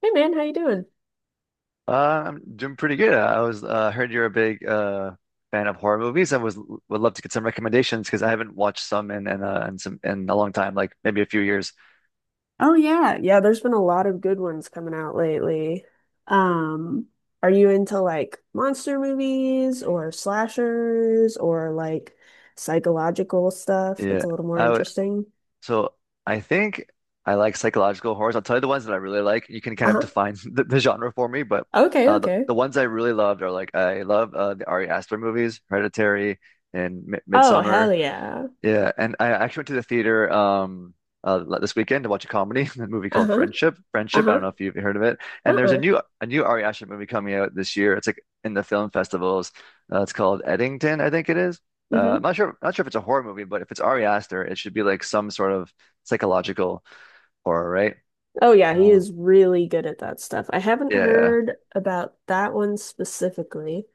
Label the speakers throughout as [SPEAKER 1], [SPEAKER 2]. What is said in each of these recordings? [SPEAKER 1] Hey man, how you doing?
[SPEAKER 2] I'm doing pretty good. I was Heard you're a big fan of horror movies. I was Would love to get some recommendations because I haven't watched some in a long time, like maybe a few years.
[SPEAKER 1] Oh yeah, yeah, there's been a lot of good ones coming out lately. Um, are you into like monster movies or slashers or like psychological stuff that's
[SPEAKER 2] Yeah,
[SPEAKER 1] a little more
[SPEAKER 2] I would,
[SPEAKER 1] interesting?
[SPEAKER 2] so I think I like psychological horrors. I'll tell you the ones that I really like. You can kind of
[SPEAKER 1] Uh-huh.
[SPEAKER 2] define the genre for me, but
[SPEAKER 1] Okay,
[SPEAKER 2] uh, the
[SPEAKER 1] okay.
[SPEAKER 2] the ones I really loved are like I love the Ari Aster movies, Hereditary and M
[SPEAKER 1] Oh,
[SPEAKER 2] Midsommar.
[SPEAKER 1] hell yeah.
[SPEAKER 2] Yeah, and I actually went to the theater this weekend to watch a comedy, a movie called
[SPEAKER 1] Uh-huh.
[SPEAKER 2] Friendship. Friendship, I
[SPEAKER 1] Uh-huh.
[SPEAKER 2] don't know if you've heard of it. And there's a
[SPEAKER 1] Uh-uh.
[SPEAKER 2] new a new Ari Aster movie coming out this year. It's like in the film festivals. It's called Eddington, I think it is. I'm
[SPEAKER 1] Hmm.
[SPEAKER 2] not sure if it's a horror movie, but if it's Ari Aster, it should be like some sort of psychological horror, right?
[SPEAKER 1] Oh yeah, he
[SPEAKER 2] Um,
[SPEAKER 1] is really good at that stuff. I haven't
[SPEAKER 2] yeah, yeah.
[SPEAKER 1] heard about that one specifically,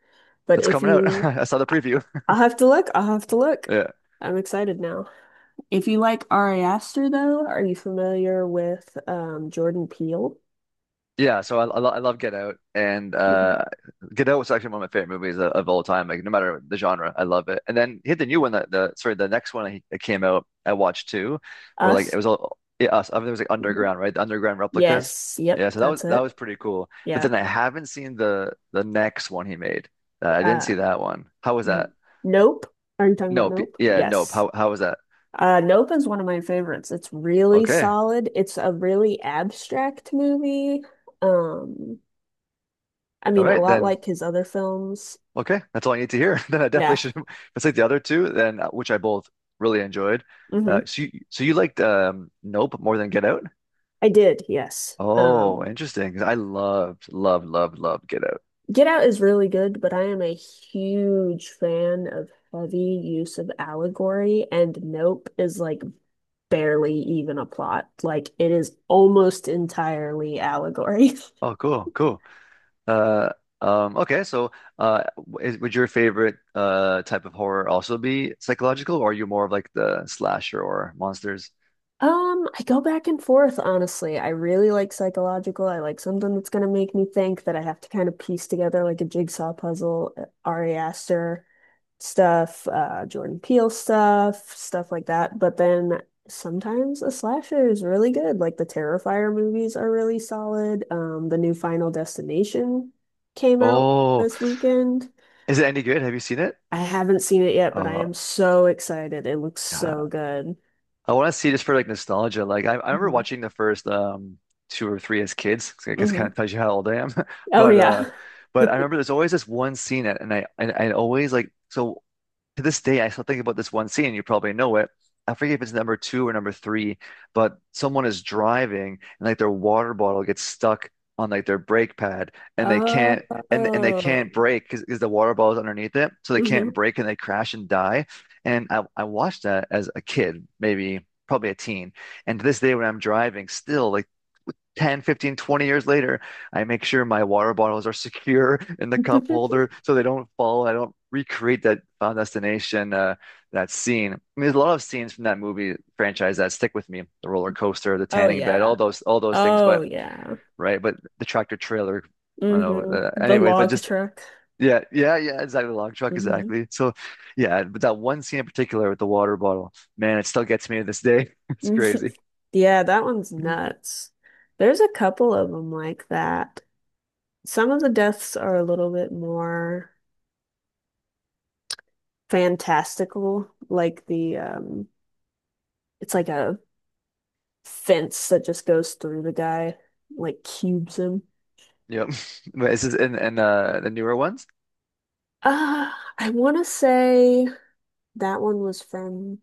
[SPEAKER 1] but
[SPEAKER 2] It's
[SPEAKER 1] if
[SPEAKER 2] coming out.
[SPEAKER 1] you
[SPEAKER 2] I saw the
[SPEAKER 1] I-
[SPEAKER 2] preview.
[SPEAKER 1] I'll have to look. I'll have to look.
[SPEAKER 2] Yeah.
[SPEAKER 1] I'm excited now. If you like Ari Aster, though, are you familiar with Jordan Peele?
[SPEAKER 2] Yeah, so I love Get Out, and
[SPEAKER 1] Mhm.
[SPEAKER 2] Get Out was actually one of my favorite movies of all time. Like no matter the genre, I love it. And then he had the new one that, the, sorry, the next one that came out, I watched too, where like it
[SPEAKER 1] Us?
[SPEAKER 2] was all, yeah, us. I mean, it was like
[SPEAKER 1] Mhm.
[SPEAKER 2] underground, right? The underground replicas.
[SPEAKER 1] Yes.
[SPEAKER 2] Yeah,
[SPEAKER 1] Yep,
[SPEAKER 2] so that was
[SPEAKER 1] that's
[SPEAKER 2] that
[SPEAKER 1] it.
[SPEAKER 2] was pretty cool. But
[SPEAKER 1] Yeah.
[SPEAKER 2] then I haven't seen the next one he made. I didn't
[SPEAKER 1] Uh,
[SPEAKER 2] see that one. How was that?
[SPEAKER 1] n- Nope. Are you talking about
[SPEAKER 2] Nope.
[SPEAKER 1] Nope?
[SPEAKER 2] Yeah, nope.
[SPEAKER 1] Yes.
[SPEAKER 2] How was that?
[SPEAKER 1] Nope is one of my favorites. It's really
[SPEAKER 2] Okay,
[SPEAKER 1] solid. It's a really abstract movie. Um, I
[SPEAKER 2] all
[SPEAKER 1] mean, a
[SPEAKER 2] right
[SPEAKER 1] lot
[SPEAKER 2] then.
[SPEAKER 1] like his other films.
[SPEAKER 2] Okay, that's all I need to hear. Then I definitely
[SPEAKER 1] Yeah.
[SPEAKER 2] should. Let's like the other two, then, which I both really enjoyed. Uh,
[SPEAKER 1] Hmm.
[SPEAKER 2] so you, so you liked Nope more than Get Out?
[SPEAKER 1] I did, yes.
[SPEAKER 2] Oh, interesting. 'Cause I loved, loved, loved, loved Get Out.
[SPEAKER 1] Get Out is really good, but I am a huge fan of heavy use of allegory, and Nope is like barely even a plot. Like it is almost entirely allegory.
[SPEAKER 2] Oh, cool, cool. Uh, okay, so, uh, would your favorite type of horror also be psychological, or are you more of like the slasher or monsters?
[SPEAKER 1] I go back and forth, honestly. I really like psychological. I like something that's going to make me think that I have to kind of piece together like a jigsaw puzzle. Ari Aster stuff, Jordan Peele stuff, stuff like that. But then sometimes a slasher is really good. Like the Terrifier movies are really solid. The new Final Destination came out
[SPEAKER 2] Oh,
[SPEAKER 1] this weekend.
[SPEAKER 2] is it any good? Have you seen it?
[SPEAKER 1] I haven't seen it yet, but I
[SPEAKER 2] Oh,
[SPEAKER 1] am so excited. It looks
[SPEAKER 2] yeah.
[SPEAKER 1] so good.
[SPEAKER 2] I want to see just for like nostalgia. Like I remember
[SPEAKER 1] Hmm.
[SPEAKER 2] watching the first two or three as kids. 'Cause I guess kind
[SPEAKER 1] Hmm.
[SPEAKER 2] of tells you how old I am.
[SPEAKER 1] Oh
[SPEAKER 2] But
[SPEAKER 1] yeah.
[SPEAKER 2] I remember there's always this one scene, and I always, like, so, to this day, I still think about this one scene. You probably know it. I forget if it's number two or number three, but someone is driving and like their water bottle gets stuck on like their brake pad and they
[SPEAKER 1] Oh.
[SPEAKER 2] can't brake because the water bottle is underneath it, so they can't
[SPEAKER 1] Hmm.
[SPEAKER 2] brake and they crash and die. And I watched that as a kid, maybe probably a teen, and to this day when I'm driving, still like 10, 15, 20 years later, I make sure my water bottles are secure in the cup holder so they don't fall. I don't recreate that Final Destination, that scene. I mean, there's a lot of scenes from that movie franchise that stick with me. The roller coaster, the
[SPEAKER 1] Oh
[SPEAKER 2] tanning bed,
[SPEAKER 1] yeah.
[SPEAKER 2] all those things.
[SPEAKER 1] Oh
[SPEAKER 2] But,
[SPEAKER 1] yeah.
[SPEAKER 2] right, but the tractor trailer, I don't
[SPEAKER 1] Hmm.
[SPEAKER 2] know.
[SPEAKER 1] The
[SPEAKER 2] Anyways, but
[SPEAKER 1] log
[SPEAKER 2] just,
[SPEAKER 1] truck.
[SPEAKER 2] yeah, yeah, yeah, exactly. The log truck,
[SPEAKER 1] Hmm.
[SPEAKER 2] exactly. So yeah, but that one scene in particular with the water bottle, man, it still gets me to this day. It's crazy.
[SPEAKER 1] Yeah, that one's nuts. There's a couple of them like that. Some of the deaths are a little bit more fantastical, like the it's like a fence that just goes through the guy, like cubes him.
[SPEAKER 2] Yep. But is this in the newer ones?
[SPEAKER 1] Uh, I want to say that one was from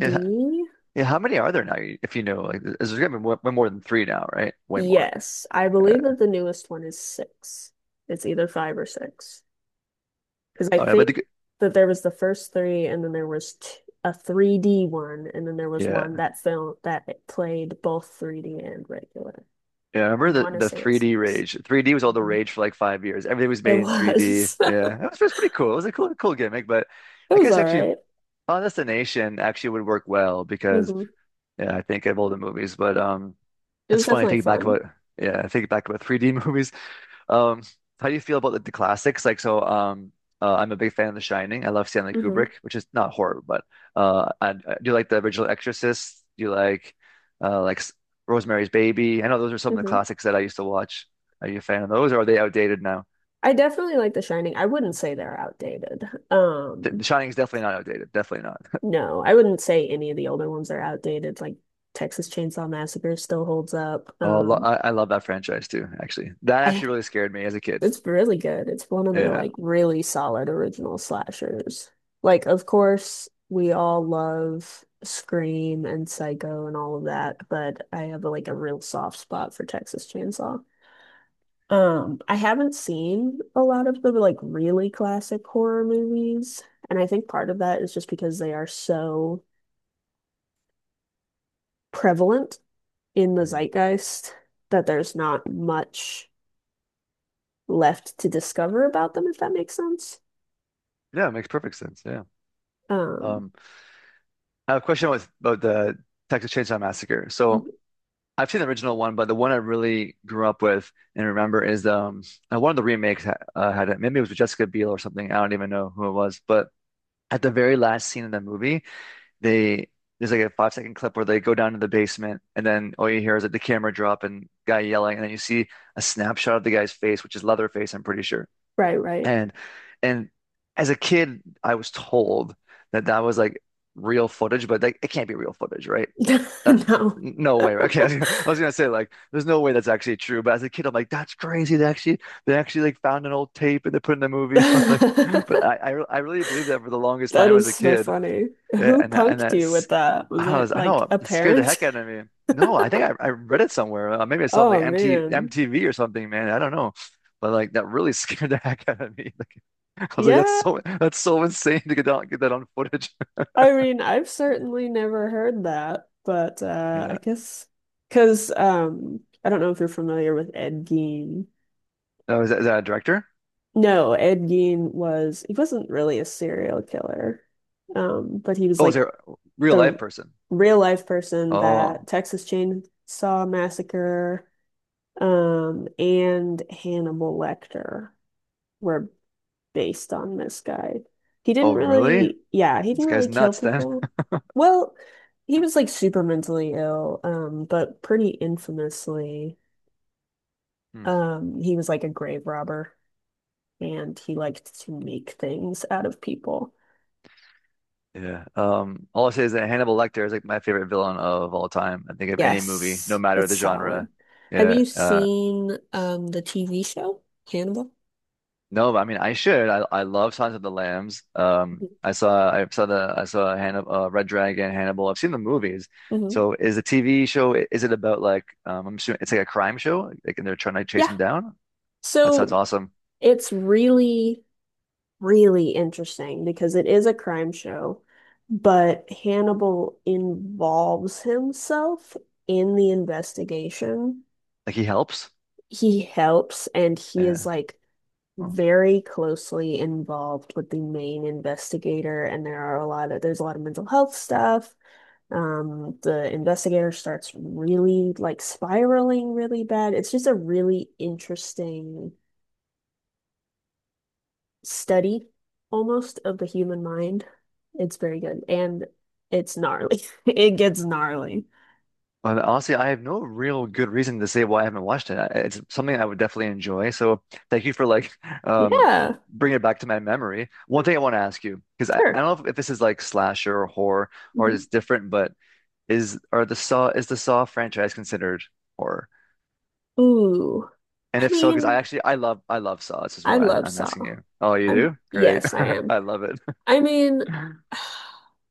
[SPEAKER 2] Yeah, yeah. How many are there now? If you know, like, there's gonna be more, way more than three now, right? Way more.
[SPEAKER 1] Yes, I
[SPEAKER 2] Yeah.
[SPEAKER 1] believe that the newest one is six. It's either five or six. Because I
[SPEAKER 2] Oh, yeah,
[SPEAKER 1] think that there was the first three, and then there was t a 3D one, and then there was one
[SPEAKER 2] yeah,
[SPEAKER 1] that film that it played both 3D and regular.
[SPEAKER 2] yeah. I
[SPEAKER 1] I
[SPEAKER 2] remember the
[SPEAKER 1] want to
[SPEAKER 2] the
[SPEAKER 1] say it's
[SPEAKER 2] 3D
[SPEAKER 1] six.
[SPEAKER 2] rage. 3D was all the
[SPEAKER 1] Mhm.
[SPEAKER 2] rage for like 5 years. Everything was
[SPEAKER 1] It
[SPEAKER 2] made in 3D.
[SPEAKER 1] was.
[SPEAKER 2] Yeah, it was pretty cool. It was a cool, cool gimmick. But
[SPEAKER 1] It
[SPEAKER 2] I
[SPEAKER 1] was
[SPEAKER 2] guess
[SPEAKER 1] all
[SPEAKER 2] actually,
[SPEAKER 1] right.
[SPEAKER 2] Final Destination actually would work well because,
[SPEAKER 1] Mm-hmm.
[SPEAKER 2] yeah, I think of all the movies. But
[SPEAKER 1] It was
[SPEAKER 2] it's funny
[SPEAKER 1] definitely
[SPEAKER 2] thinking back
[SPEAKER 1] fun.
[SPEAKER 2] about yeah, thinking back about 3D movies. Um, how do you feel about the classics? Like, so, I'm a big fan of The Shining. I love Stanley
[SPEAKER 1] Hmm.
[SPEAKER 2] Kubrick, which is not horror. But I do you like the original Exorcist? Do you like, uh, like S- Rosemary's Baby? I know those are some of the
[SPEAKER 1] Hmm.
[SPEAKER 2] classics that I used to watch. Are you a fan of those, or are they outdated now?
[SPEAKER 1] I definitely like The Shining. I wouldn't say they're outdated.
[SPEAKER 2] The,
[SPEAKER 1] Um,
[SPEAKER 2] The Shining is definitely not outdated. Definitely not.
[SPEAKER 1] no, I wouldn't say any of the older ones are outdated. Like Texas Chainsaw Massacre still holds up.
[SPEAKER 2] Oh, lo I, I love that franchise too. Actually, that
[SPEAKER 1] I
[SPEAKER 2] actually really scared me as a kid.
[SPEAKER 1] It's really good. It's one of the
[SPEAKER 2] Yeah.
[SPEAKER 1] like really solid original slashers. Like, of course, we all love Scream and Psycho and all of that, but I have like a real soft spot for Texas Chainsaw. I haven't seen a lot of the like really classic horror movies, and I think part of that is just because they are so prevalent in the
[SPEAKER 2] Mhm.
[SPEAKER 1] zeitgeist that there's not much left to discover about them, if that makes sense.
[SPEAKER 2] Yeah, it makes perfect sense. Yeah.
[SPEAKER 1] Um,
[SPEAKER 2] Um, I have a question with about the Texas Chainsaw Massacre. So I've seen the original one, but the one I really grew up with and remember is one of the remakes ha had it. Maybe it was with Jessica Biel or something. I don't even know who it was. But at the very last scene in the movie, they there's like a 5-second clip where they go down to the basement, and then all you hear is like the camera drop and guy yelling, and then you see a snapshot of the guy's face, which is Leatherface, I'm pretty sure.
[SPEAKER 1] Right, right.
[SPEAKER 2] And and as a kid, I was told that that was like real footage, but like it can't be real footage, right? that
[SPEAKER 1] No.
[SPEAKER 2] No way. Okay, I was gonna say like there's no way that's actually true. But as a kid, I'm like, that's crazy. They actually like found an old tape and they put it in the movie. I was like, but I really believed that for the longest
[SPEAKER 1] That
[SPEAKER 2] time as
[SPEAKER 1] is
[SPEAKER 2] a
[SPEAKER 1] so
[SPEAKER 2] kid.
[SPEAKER 1] funny.
[SPEAKER 2] Yeah,
[SPEAKER 1] Who
[SPEAKER 2] and that- and
[SPEAKER 1] punked you with
[SPEAKER 2] that's
[SPEAKER 1] that? Was
[SPEAKER 2] I was
[SPEAKER 1] it
[SPEAKER 2] I don't
[SPEAKER 1] like
[SPEAKER 2] know,
[SPEAKER 1] a
[SPEAKER 2] it scared the
[SPEAKER 1] parent?
[SPEAKER 2] heck out of me. No, I think I read it somewhere. Maybe I saw it on like
[SPEAKER 1] Oh man.
[SPEAKER 2] MTV or something, man. I don't know. But like that really scared the heck out of me. Like I was like, that's
[SPEAKER 1] Yeah,
[SPEAKER 2] so that's so insane to get that on footage.
[SPEAKER 1] I mean, I've certainly never heard that, but I
[SPEAKER 2] Yeah.
[SPEAKER 1] guess because I don't know if you're familiar with Ed Gein.
[SPEAKER 2] Oh, is that a director?
[SPEAKER 1] No, Ed Gein was he wasn't really a serial killer. But he was
[SPEAKER 2] Oh, is
[SPEAKER 1] like
[SPEAKER 2] there a real life
[SPEAKER 1] the
[SPEAKER 2] person?
[SPEAKER 1] real life person that
[SPEAKER 2] Oh,
[SPEAKER 1] Texas Chainsaw Massacre and Hannibal Lecter were based on this guy. He didn't
[SPEAKER 2] oh, really?
[SPEAKER 1] really, yeah, he
[SPEAKER 2] This
[SPEAKER 1] didn't
[SPEAKER 2] guy's
[SPEAKER 1] really kill
[SPEAKER 2] nuts then.
[SPEAKER 1] people. Well, he was like super mentally ill, but pretty infamously,
[SPEAKER 2] Hmm.
[SPEAKER 1] he was like a grave robber and he liked to make things out of people.
[SPEAKER 2] Yeah. All I say is that Hannibal Lecter is like my favorite villain of all time. I think of any movie, no
[SPEAKER 1] Yes,
[SPEAKER 2] matter
[SPEAKER 1] it's
[SPEAKER 2] the
[SPEAKER 1] solid.
[SPEAKER 2] genre.
[SPEAKER 1] Have
[SPEAKER 2] Yeah.
[SPEAKER 1] you seen the TV show Hannibal?
[SPEAKER 2] No, but I mean, I should. I love Silence of the Lambs. I saw Hannibal, Red Dragon, Hannibal. I've seen the movies.
[SPEAKER 1] Hmm.
[SPEAKER 2] So is the TV show? Is it about, like? I'm assuming it's like a crime show. Like, and they're trying to chase
[SPEAKER 1] Yeah.
[SPEAKER 2] him down. That sounds
[SPEAKER 1] So
[SPEAKER 2] awesome.
[SPEAKER 1] it's really really interesting because it is a crime show, but Hannibal involves himself in the investigation.
[SPEAKER 2] Like he helps.
[SPEAKER 1] He helps and he is
[SPEAKER 2] Yeah.
[SPEAKER 1] like
[SPEAKER 2] Huh.
[SPEAKER 1] very closely involved with the main investigator, and there's a lot of mental health stuff. The investigator starts really like spiraling really bad. It's just a really interesting study almost of the human mind. It's very good and it's gnarly. It gets gnarly.
[SPEAKER 2] But honestly, I have no real good reason to say why I haven't watched it. It's something I would definitely enjoy. So thank you for like um,
[SPEAKER 1] Yeah,
[SPEAKER 2] bringing it back to my memory. One thing I want to ask you, because I
[SPEAKER 1] sure.
[SPEAKER 2] don't know if this is like slasher or horror or
[SPEAKER 1] Mhm.
[SPEAKER 2] it's different, but is the Saw franchise considered horror?
[SPEAKER 1] Ooh,
[SPEAKER 2] And
[SPEAKER 1] I
[SPEAKER 2] if so, because I
[SPEAKER 1] mean,
[SPEAKER 2] actually I love I love Saw. This is
[SPEAKER 1] I
[SPEAKER 2] why I'm,
[SPEAKER 1] love
[SPEAKER 2] I'm
[SPEAKER 1] Saw.
[SPEAKER 2] asking you. Oh, you
[SPEAKER 1] I'm,
[SPEAKER 2] do? Great.
[SPEAKER 1] yes, I am.
[SPEAKER 2] I love it.
[SPEAKER 1] I mean,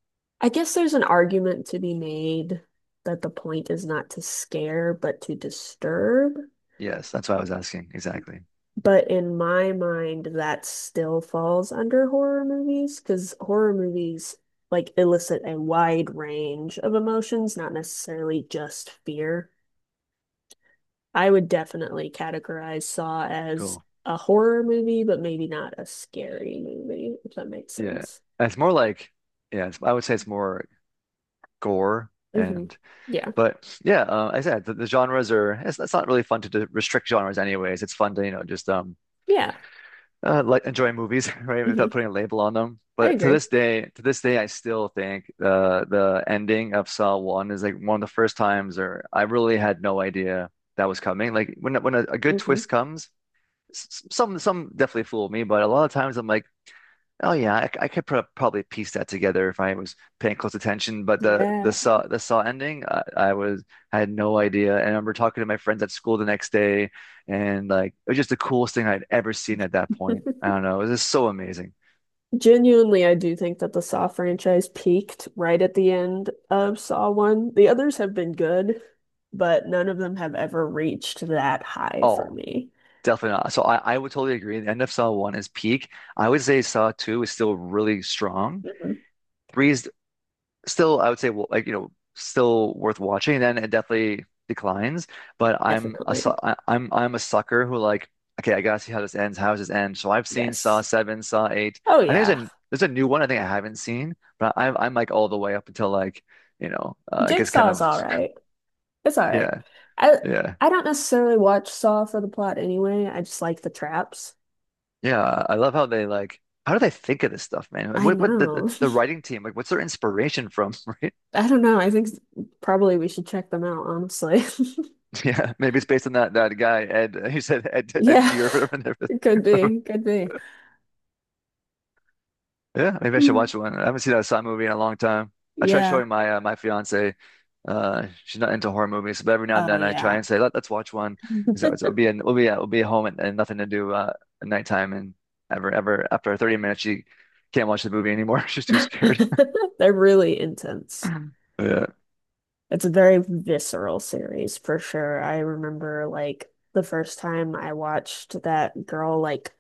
[SPEAKER 1] I guess there's an argument to be made that the point is not to scare, but to disturb.
[SPEAKER 2] Yes, that's why I was asking. Exactly.
[SPEAKER 1] But in my mind, that still falls under horror movies because horror movies like elicit a wide range of emotions, not necessarily just fear. I would definitely categorize Saw as
[SPEAKER 2] Cool.
[SPEAKER 1] a horror movie, but maybe not a scary movie, if that makes
[SPEAKER 2] Yeah.
[SPEAKER 1] sense.
[SPEAKER 2] And it's more like, yeah. It's, I would say it's more gore
[SPEAKER 1] Hmm.
[SPEAKER 2] and.
[SPEAKER 1] Yeah.
[SPEAKER 2] But yeah, like I said, the genres are. It's not really fun to restrict genres, anyways. It's fun to, just
[SPEAKER 1] Yeah.
[SPEAKER 2] like, enjoy movies, right, without
[SPEAKER 1] Hmm.
[SPEAKER 2] putting a label on them.
[SPEAKER 1] I
[SPEAKER 2] But
[SPEAKER 1] agree.
[SPEAKER 2] to this day, I still think the ending of Saw One is like one of the first times, or I really had no idea that was coming. Like when a good
[SPEAKER 1] Hmm.
[SPEAKER 2] twist comes, some definitely fool me, but a lot of times I'm like. Oh yeah, I could probably piece that together if I was paying close attention. But the the
[SPEAKER 1] Yeah.
[SPEAKER 2] saw the saw ending, I had no idea. And I remember talking to my friends at school the next day, and like it was just the coolest thing I'd ever seen at that point. I don't know, it was just so amazing.
[SPEAKER 1] Genuinely, I do think that the Saw franchise peaked right at the end of Saw 1. The others have been good, but none of them have ever reached that high for
[SPEAKER 2] Oh,
[SPEAKER 1] me.
[SPEAKER 2] definitely not. So I would totally agree. The end of Saw One is peak. I would say Saw Two is still really strong.
[SPEAKER 1] Mhm.
[SPEAKER 2] Three, still, I would say, well, like, still worth watching. Then it definitely declines. But I'm a, su-
[SPEAKER 1] Definitely.
[SPEAKER 2] I, am I'm I'm a sucker who, like, okay, I gotta see how this ends. How does this end? So I've seen Saw
[SPEAKER 1] Yes.
[SPEAKER 2] 7, Saw 8.
[SPEAKER 1] Oh
[SPEAKER 2] I think there's
[SPEAKER 1] yeah.
[SPEAKER 2] a there's a new one I think I haven't seen, but I'm like all the way up until, like, I guess kind
[SPEAKER 1] Jigsaw is
[SPEAKER 2] of,
[SPEAKER 1] all right. It's all right.
[SPEAKER 2] yeah,
[SPEAKER 1] I
[SPEAKER 2] yeah,
[SPEAKER 1] I don't necessarily watch Saw for the plot anyway. I just like the traps.
[SPEAKER 2] yeah. I love how they like. How do they think of this stuff, man? Like,
[SPEAKER 1] I
[SPEAKER 2] what the the
[SPEAKER 1] know.
[SPEAKER 2] the writing team like? What's their inspiration from, right?
[SPEAKER 1] I don't know. Probably we should check them out, honestly.
[SPEAKER 2] Yeah, maybe it's based on that guy Ed. You said Ed
[SPEAKER 1] Yeah.
[SPEAKER 2] Gear or whatever.
[SPEAKER 1] It could be. Could be.
[SPEAKER 2] Yeah, maybe I should
[SPEAKER 1] Hmm.
[SPEAKER 2] watch one. I haven't seen a Saw movie in a long time. I tried
[SPEAKER 1] Yeah.
[SPEAKER 2] showing my fiance. She's not into horror movies, but every now and
[SPEAKER 1] Oh
[SPEAKER 2] then I try
[SPEAKER 1] yeah.
[SPEAKER 2] and say, let, let's watch one. Because, that, so It'll be an, we'll be home and nothing to do, at nighttime. And ever after 30 minutes, she can't watch the movie anymore. She's too scared.
[SPEAKER 1] They're really intense.
[SPEAKER 2] Yeah,
[SPEAKER 1] It's a very visceral series for sure. I remember like the first time I watched that girl like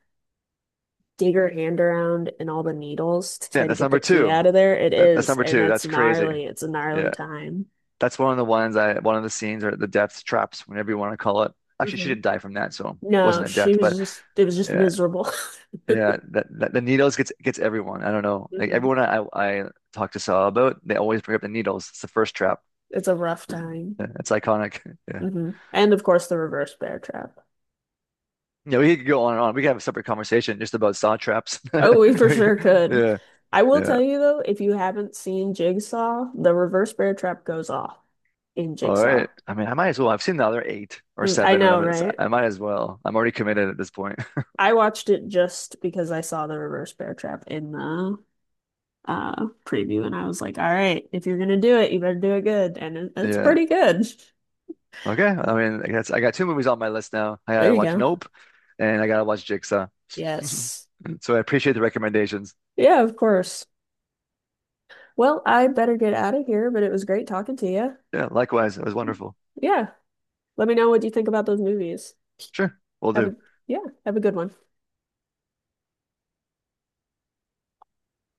[SPEAKER 1] dig her hand around in all the needles to try
[SPEAKER 2] yeah.
[SPEAKER 1] to
[SPEAKER 2] That's
[SPEAKER 1] get the
[SPEAKER 2] number
[SPEAKER 1] key
[SPEAKER 2] two.
[SPEAKER 1] out of there. It
[SPEAKER 2] That's
[SPEAKER 1] is,
[SPEAKER 2] number
[SPEAKER 1] and
[SPEAKER 2] two.
[SPEAKER 1] it's
[SPEAKER 2] That's crazy.
[SPEAKER 1] gnarly. It's a gnarly
[SPEAKER 2] Yeah,
[SPEAKER 1] time.
[SPEAKER 2] that's one of the ones I one of the scenes or the death traps, whatever you want to call it. Actually, she
[SPEAKER 1] Hmm.
[SPEAKER 2] didn't die from that, so it
[SPEAKER 1] No,
[SPEAKER 2] wasn't a
[SPEAKER 1] she
[SPEAKER 2] death.
[SPEAKER 1] was
[SPEAKER 2] But
[SPEAKER 1] just it was just
[SPEAKER 2] yeah.
[SPEAKER 1] miserable.
[SPEAKER 2] Yeah, that, that the needles gets everyone. I don't know. Like
[SPEAKER 1] Hmm.
[SPEAKER 2] everyone I talk to Saw about, they always bring up the needles. It's the first trap.
[SPEAKER 1] It's a rough time.
[SPEAKER 2] Yeah, it's iconic. Yeah.
[SPEAKER 1] Hmm. And of course the reverse bear trap.
[SPEAKER 2] Yeah, we could go on and on. We could have a separate conversation just about Saw traps.
[SPEAKER 1] Oh, we for sure could.
[SPEAKER 2] Yeah,
[SPEAKER 1] I will
[SPEAKER 2] yeah.
[SPEAKER 1] tell you though, if you haven't seen Jigsaw, the reverse bear trap goes off in
[SPEAKER 2] All
[SPEAKER 1] Jigsaw.
[SPEAKER 2] right. I mean, I might as well. I've seen the other eight or
[SPEAKER 1] Mm, I
[SPEAKER 2] seven,
[SPEAKER 1] know,
[SPEAKER 2] whatever. It's,
[SPEAKER 1] right?
[SPEAKER 2] I might as well. I'm already committed at this point.
[SPEAKER 1] I watched it just because I saw the reverse bear trap in the preview and I was like, all right, if you're gonna do it, you better do it good. And it's
[SPEAKER 2] Yeah.
[SPEAKER 1] pretty good.
[SPEAKER 2] Okay. I mean, I guess I got two movies on my list now. I
[SPEAKER 1] There
[SPEAKER 2] gotta
[SPEAKER 1] you
[SPEAKER 2] watch
[SPEAKER 1] go.
[SPEAKER 2] Nope, and I gotta watch Jigsaw.
[SPEAKER 1] Yes.
[SPEAKER 2] So I appreciate the recommendations.
[SPEAKER 1] Yeah, of course. Well, I better get out of here, but it was great talking to you.
[SPEAKER 2] Yeah, likewise. It was wonderful.
[SPEAKER 1] Yeah. Let me know what you think about those movies.
[SPEAKER 2] Sure, we'll
[SPEAKER 1] Have
[SPEAKER 2] do.
[SPEAKER 1] a yeah, have a good one.